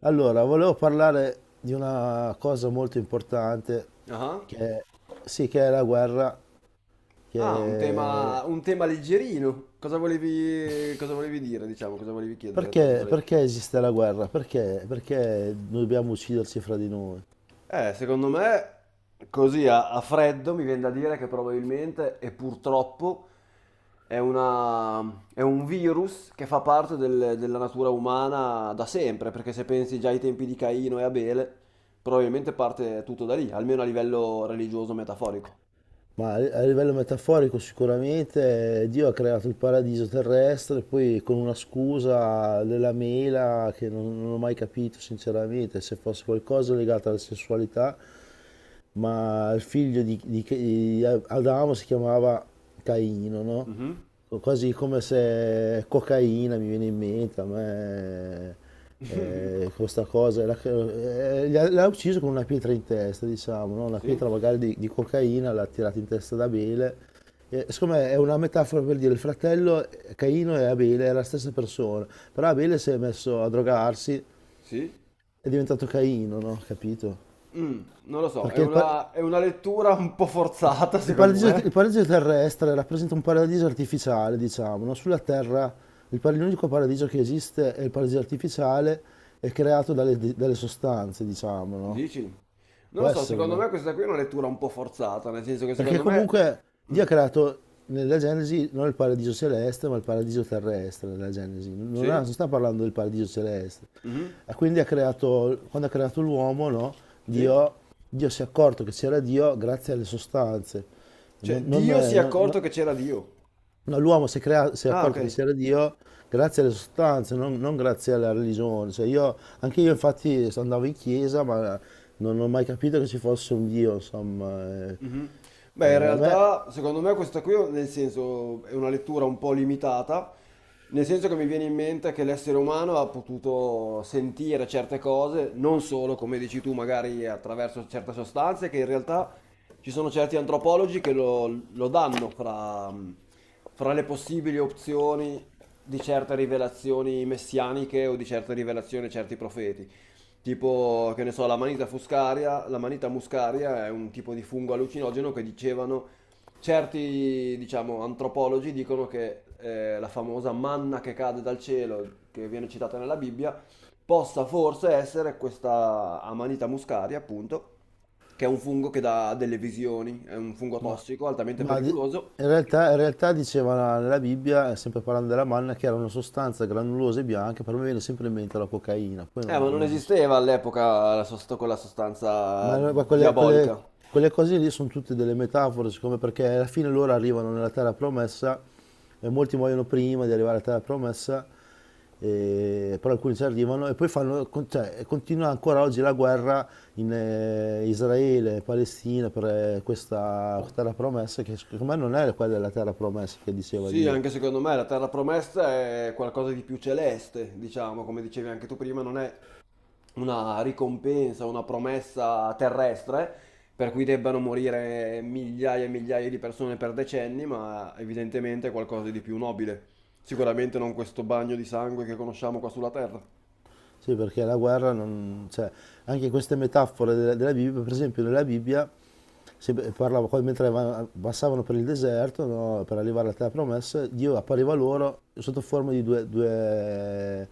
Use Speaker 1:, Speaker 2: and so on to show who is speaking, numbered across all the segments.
Speaker 1: Allora, volevo parlare di una cosa molto importante
Speaker 2: Ah,
Speaker 1: che, sì, che è la guerra. che-
Speaker 2: un tema leggerino. Cosa volevi dire, diciamo, cosa volevi chiedere, tra
Speaker 1: Perché,
Speaker 2: virgolette?
Speaker 1: perché esiste la guerra? Perché dobbiamo ucciderci fra di noi?
Speaker 2: Secondo me, così a freddo mi viene da dire che probabilmente e purtroppo è una, è un virus che fa parte della natura umana da sempre, perché se pensi già ai tempi di Caino e Abele, probabilmente parte tutto da lì, almeno a livello religioso metaforico.
Speaker 1: Ma a livello metaforico sicuramente Dio ha creato il paradiso terrestre, poi con una scusa della mela che non ho mai capito sinceramente, se fosse qualcosa legato alla sessualità, ma il figlio di Adamo si chiamava Caino, no?
Speaker 2: Mhm.
Speaker 1: Quasi come se cocaina mi viene in mente, a me questa cosa, l'ha ucciso con una pietra in testa, diciamo, no? Una
Speaker 2: Sì,
Speaker 1: pietra magari di cocaina l'ha tirata in testa ad Abele. E, secondo me, è una metafora per dire il fratello Caino e Abele è la stessa persona, però Abele si è messo a drogarsi,
Speaker 2: sì.
Speaker 1: è diventato Caino, no? Capito?
Speaker 2: Non lo so,
Speaker 1: Perché il, pa-
Speaker 2: è una lettura un po' forzata, secondo
Speaker 1: Il
Speaker 2: me.
Speaker 1: paradiso terrestre rappresenta un paradiso artificiale, diciamo, no? Sulla Terra l'unico paradiso che esiste è il paradiso artificiale, è creato dalle sostanze, diciamo, no?
Speaker 2: Dici? Non
Speaker 1: Può
Speaker 2: lo so,
Speaker 1: essere,
Speaker 2: secondo
Speaker 1: no?
Speaker 2: me questa qui è una lettura un po' forzata, nel senso che
Speaker 1: Perché
Speaker 2: secondo me...
Speaker 1: comunque Dio ha
Speaker 2: Mm,
Speaker 1: creato nella Genesi non il paradiso celeste, ma il paradiso terrestre nella Genesi. Non,
Speaker 2: sì?
Speaker 1: ha- non sta parlando del paradiso celeste.
Speaker 2: Mhm,
Speaker 1: E quindi ha creato, quando ha creato l'uomo, no?
Speaker 2: sì?
Speaker 1: Dio, Dio si è accorto che c'era Dio grazie alle sostanze.
Speaker 2: Cioè,
Speaker 1: Non, non-
Speaker 2: Dio si è
Speaker 1: non- non-
Speaker 2: accorto che c'era Dio.
Speaker 1: No, l'uomo si è
Speaker 2: Ah, ok.
Speaker 1: accorto che c'era Dio grazie alle sostanze, non grazie alla religione. Cioè io, anche io infatti andavo in chiesa, ma non ho mai capito che ci fosse un Dio, insomma.
Speaker 2: Mhm. Beh, in
Speaker 1: Eh, a me-
Speaker 2: realtà, secondo me questa qui, nel senso, è una lettura un po' limitata, nel senso che mi viene in mente che l'essere umano ha potuto sentire certe cose, non solo, come dici tu, magari attraverso certe sostanze, che in realtà ci sono certi antropologi lo danno fra le possibili opzioni di certe rivelazioni messianiche o di certe rivelazioni a certi profeti. Tipo, che ne so, la manita fuscaria, la manita muscaria è un tipo di fungo allucinogeno che dicevano, certi, diciamo, antropologi dicono che la famosa manna che cade dal cielo, che viene citata nella Bibbia, possa forse essere questa amanita muscaria, appunto, che è un fungo che dà delle visioni, è un fungo
Speaker 1: ma,
Speaker 2: tossico, altamente
Speaker 1: ma di-
Speaker 2: pericoloso.
Speaker 1: in realtà diceva nella Bibbia, sempre parlando della manna, che era una sostanza granulosa e bianca, per me viene sempre in mente la cocaina, poi non,
Speaker 2: Ma non
Speaker 1: non-
Speaker 2: esisteva all'epoca quella
Speaker 1: Ma,
Speaker 2: sostanza
Speaker 1: no- ma quelle, quelle-
Speaker 2: diabolica.
Speaker 1: quelle cose lì sono tutte delle metafore, siccome perché alla fine loro arrivano nella terra promessa e molti muoiono prima di arrivare alla terra promessa, però alcuni ci arrivano e poi fanno, cioè, e continua ancora oggi la guerra in Israele e Palestina per questa terra promessa, che secondo me non è quella della terra promessa che diceva
Speaker 2: Sì,
Speaker 1: Dio.
Speaker 2: anche secondo me la terra promessa è qualcosa di più celeste, diciamo, come dicevi anche tu prima, non è una ricompensa, una promessa terrestre, per cui debbano morire migliaia e migliaia di persone per decenni, ma evidentemente è qualcosa di più nobile. Sicuramente non questo bagno di sangue che conosciamo qua sulla terra.
Speaker 1: Sì, perché la guerra non... Cioè, anche in queste metafore della Bibbia, per esempio nella Bibbia, se parlava, qua mentre passavano per il deserto, no, per arrivare alla terra promessa, Dio appariva loro sotto forma di due, due-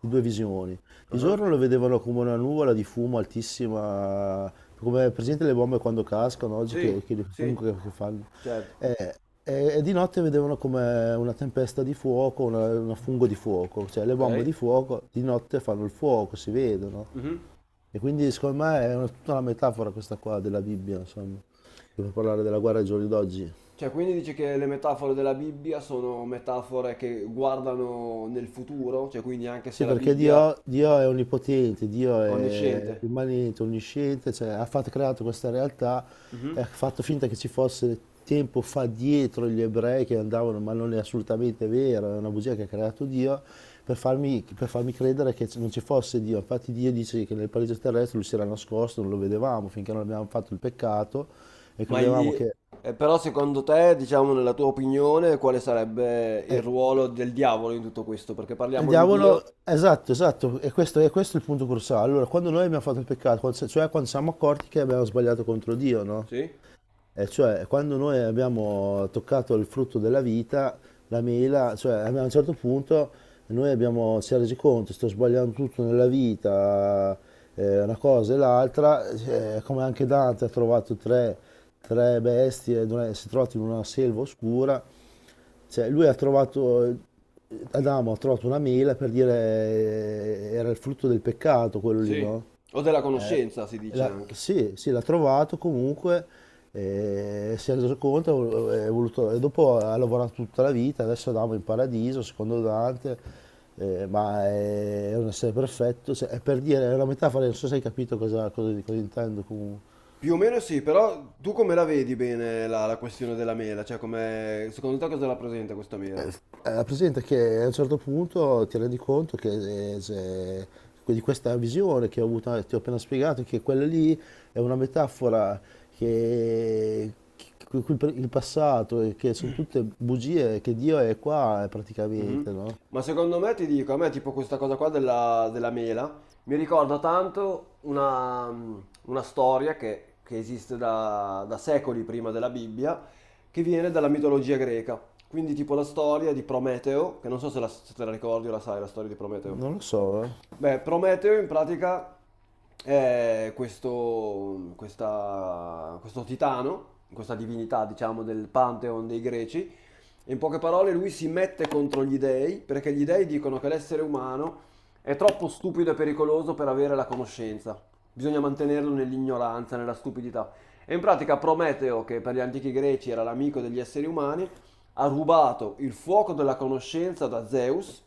Speaker 1: di due visioni. Di
Speaker 2: Ah,
Speaker 1: giorno lo vedevano come una nuvola di fumo altissima, come presente le bombe quando cascano oggi, che,
Speaker 2: sì,
Speaker 1: che il fumo
Speaker 2: sì,
Speaker 1: che fanno.
Speaker 2: certo.
Speaker 1: Eh, e di notte vedevano come una tempesta di fuoco, una fungo di fuoco, cioè le
Speaker 2: Ok.
Speaker 1: bombe di fuoco di notte fanno il fuoco, si vedono.
Speaker 2: Mhm.
Speaker 1: E quindi secondo me è tutta una metafora questa qua della Bibbia, insomma, per parlare della guerra ai giorni d'oggi.
Speaker 2: Cioè, quindi dici che le metafore della Bibbia sono metafore che guardano nel futuro, cioè quindi anche
Speaker 1: Sì,
Speaker 2: se la
Speaker 1: perché
Speaker 2: Bibbia sì,
Speaker 1: Dio, Dio è onnipotente, Dio
Speaker 2: è
Speaker 1: è
Speaker 2: onnisciente.
Speaker 1: immanente, onnisciente, cioè creato questa realtà
Speaker 2: Mhm.
Speaker 1: e ha fatto finta che ci fosse tempo fa dietro gli ebrei che andavano, ma non è assolutamente vero, è una bugia che ha creato Dio per farmi, credere che non ci fosse Dio. Infatti Dio dice che nel paradiso terrestre lui si era nascosto, non lo vedevamo finché non abbiamo fatto il peccato e
Speaker 2: Ma lì,
Speaker 1: credevamo che...
Speaker 2: però secondo te, diciamo nella tua opinione, quale sarebbe il
Speaker 1: eh,
Speaker 2: ruolo del diavolo in tutto questo? Perché
Speaker 1: Il
Speaker 2: parliamo di Dio,
Speaker 1: diavolo, esatto, esatto, e questo è il punto cruciale. Allora, quando noi abbiamo fatto il peccato, cioè quando siamo accorti che abbiamo sbagliato contro Dio, no?
Speaker 2: sì?
Speaker 1: E cioè, quando noi abbiamo toccato il frutto della vita, la mela, cioè a un certo punto si è resi conto, sto sbagliando tutto nella vita, una cosa e l'altra, come anche Dante ha trovato tre bestie, dove si è trovato in una selva oscura, cioè Adamo ha trovato una mela per dire era il frutto del peccato quello lì,
Speaker 2: Sì.
Speaker 1: no?
Speaker 2: O della
Speaker 1: Eh,
Speaker 2: conoscenza, si dice anche.
Speaker 1: sì, sì, l'ha trovato comunque, si è reso conto, e dopo ha lavorato tutta la vita, adesso andiamo in paradiso, secondo Dante, ma è un essere perfetto, è per dire, è una metafora, non so se hai capito cosa, cosa intendo comunque.
Speaker 2: Più o meno sì, però tu come la vedi bene la questione della mela? Cioè, come, secondo te cosa rappresenta questa mela?
Speaker 1: Presente che a un certo punto ti rendi conto che di questa visione che ho avuto, ti ho appena spiegato, che quella lì è una metafora che il passato e che sono tutte bugie, che Dio è qua praticamente,
Speaker 2: Mhm.
Speaker 1: no?
Speaker 2: Ma secondo me ti dico, a me tipo questa cosa qua della mela mi ricorda tanto una, una storia che esiste da secoli prima della Bibbia, che viene dalla mitologia greca. Quindi tipo la storia di Prometeo, che non so se, se te la ricordi o la sai, la storia di Prometeo.
Speaker 1: Non lo so.
Speaker 2: Beh, Prometeo in pratica è questo titano, questa divinità diciamo del Pantheon dei greci, in poche parole, lui si mette contro gli dei perché gli dei dicono che l'essere umano è troppo stupido e pericoloso per avere la conoscenza. Bisogna mantenerlo nell'ignoranza, nella stupidità. E in pratica Prometeo, che per gli antichi greci era l'amico degli esseri umani, ha rubato il fuoco della conoscenza da Zeus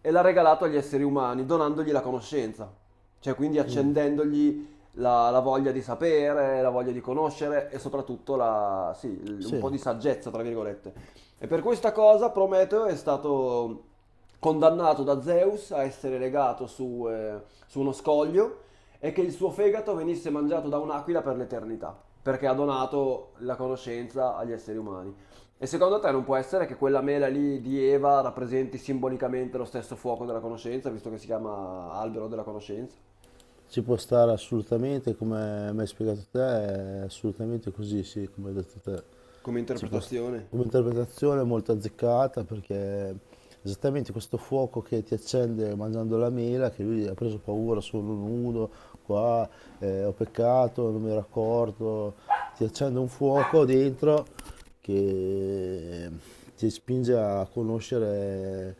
Speaker 2: e l'ha regalato agli esseri umani, donandogli la conoscenza, cioè quindi accendendogli la voglia di sapere, la voglia di conoscere e soprattutto sì, un
Speaker 1: Sì,
Speaker 2: po' di saggezza, tra virgolette. E per questa cosa Prometeo è stato condannato da Zeus a essere legato su, su uno scoglio e che il suo fegato venisse mangiato da un'aquila per l'eternità, perché ha donato la conoscenza agli esseri umani. E secondo te non può essere che quella mela lì di Eva rappresenti simbolicamente lo stesso fuoco della conoscenza, visto che si chiama albero della conoscenza?
Speaker 1: ci può stare assolutamente, come mi hai spiegato te, è assolutamente così, sì, come hai detto te.
Speaker 2: Come
Speaker 1: Ci può st-
Speaker 2: interpretazione?
Speaker 1: Come interpretazione è molto azzeccata perché esattamente questo fuoco che ti accende mangiando la mela, che lui ha preso paura, sono nudo, qua ho peccato, non mi ero accorto, ti accende un fuoco dentro che ti spinge a conoscere,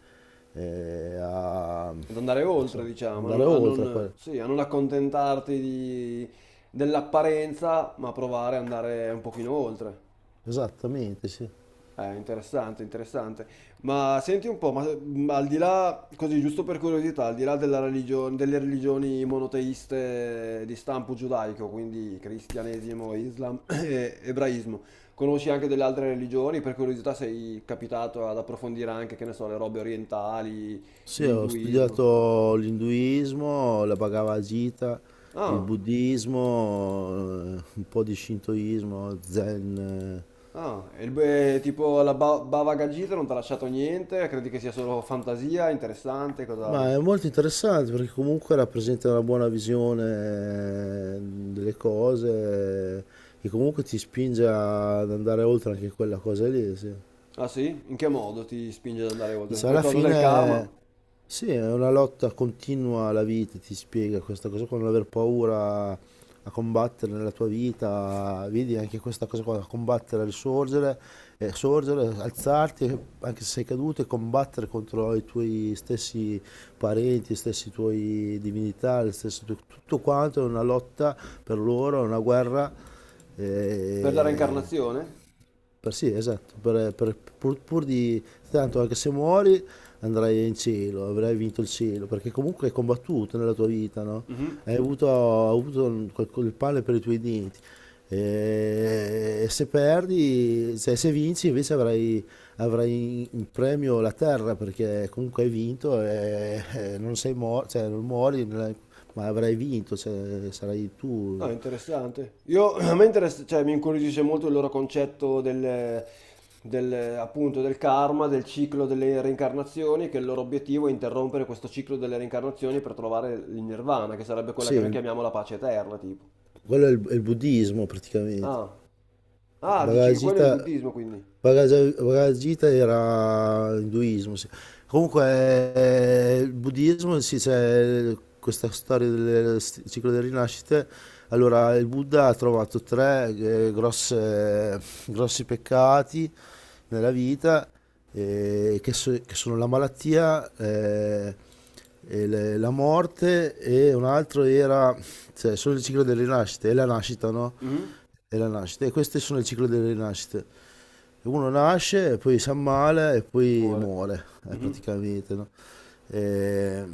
Speaker 1: a
Speaker 2: Ad andare
Speaker 1: non
Speaker 2: oltre,
Speaker 1: so,
Speaker 2: diciamo,
Speaker 1: andare
Speaker 2: a
Speaker 1: oltre a
Speaker 2: non-
Speaker 1: quello.
Speaker 2: sì, a non accontentarti di- dell'apparenza, ma provare ad andare un pochino oltre.
Speaker 1: Esattamente, sì.
Speaker 2: È interessante, interessante. Ma senti un po', ma al di là, così giusto per curiosità, al di là della religione, delle religioni monoteiste di stampo giudaico, quindi cristianesimo, islam e ebraismo, conosci anche delle altre religioni? Per curiosità sei capitato ad approfondire anche, che ne so, le robe orientali,
Speaker 1: Sì, ho
Speaker 2: l'induismo?
Speaker 1: studiato l'induismo, la Bhagavad Gita, il
Speaker 2: Ah.
Speaker 1: buddismo, un po' di shintoismo, zen.
Speaker 2: Ah, e tipo Bava Gagita non ti ha lasciato niente? Credi che sia solo fantasia, interessante? Cosa...
Speaker 1: Ma è molto interessante perché comunque rappresenta una buona visione delle cose e comunque ti spinge ad andare oltre anche quella cosa lì, sì.
Speaker 2: Ah sì? In che modo ti spinge ad andare oltre?
Speaker 1: Dice,
Speaker 2: Per
Speaker 1: alla
Speaker 2: cosa del karma?
Speaker 1: fine, sì, è una lotta continua alla vita, ti spiega questa cosa qua, non aver paura a combattere nella tua vita, vedi anche questa cosa qua, combattere, risorgere, sorgere, alzarti, anche se sei caduto, e combattere contro i tuoi stessi parenti, i stessi tuoi divinità, tutto quanto è una lotta per loro, è una guerra.
Speaker 2: Per la
Speaker 1: Eh,
Speaker 2: reincarnazione?
Speaker 1: per Sì, esatto, pur di tanto anche se muori andrai in cielo, avrai vinto il cielo, perché comunque hai combattuto nella tua vita, no?
Speaker 2: Mhm.
Speaker 1: Hai avuto, hai avuto quel pane per i tuoi denti. E se perdi, se vinci invece avrai in premio la terra, perché comunque hai vinto e non sei morto, cioè non muori, non hai- ma avrai vinto, cioè sarai tu.
Speaker 2: Ah, interessante. Io, a me interessa, cioè, mi incuriosisce molto il loro concetto del, appunto, del karma, del ciclo delle reincarnazioni, che il loro obiettivo è interrompere questo ciclo delle reincarnazioni per trovare il nirvana, che sarebbe quella che noi
Speaker 1: Sì,
Speaker 2: chiamiamo la pace eterna, tipo.
Speaker 1: quello è il buddismo praticamente.
Speaker 2: Ah. Ah, dici che quello è il
Speaker 1: Paragita,
Speaker 2: buddismo, quindi.
Speaker 1: Paragita era induismo, sì. Comunque il buddismo, sì, c'è questa storia del ciclo delle rinascite. Allora, il Buddha ha trovato tre grossi peccati nella vita, che, che sono la malattia, e la morte e un altro era, cioè, solo il ciclo delle rinascite, e la nascita, no?
Speaker 2: Mhm.
Speaker 1: E la nascita, e queste sono il ciclo delle rinascite. Uno nasce, e poi si ammala e poi
Speaker 2: Amore.
Speaker 1: muore,
Speaker 2: Mhm.
Speaker 1: praticamente, no? E,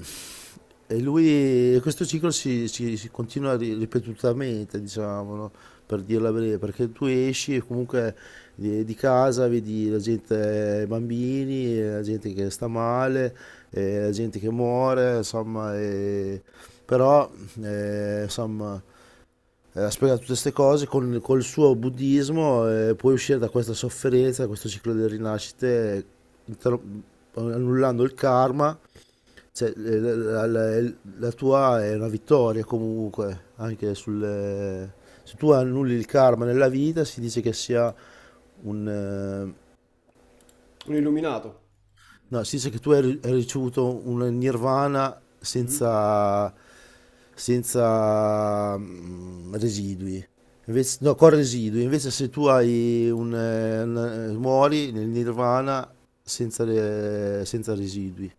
Speaker 1: e lui, questo ciclo si continua ripetutamente, diciamo, no? Per dirla breve, perché tu esci e comunque di casa, vedi la gente, i bambini, la gente che sta male, la gente che muore, insomma, però, insomma, ha spiegato tutte queste cose col suo buddismo, puoi uscire da questa sofferenza, da questo ciclo delle rinascite, inter- annullando il karma, cioè, la tua è una vittoria comunque, anche sul... Se tu annulli il karma nella vita, si dice che sia un...
Speaker 2: Un illuminato.
Speaker 1: No, si dice che tu hai ricevuto un nirvana
Speaker 2: Mhm.
Speaker 1: senza, senza residui. Invece, no, con residui. Invece se tu muori nel nirvana senza residui.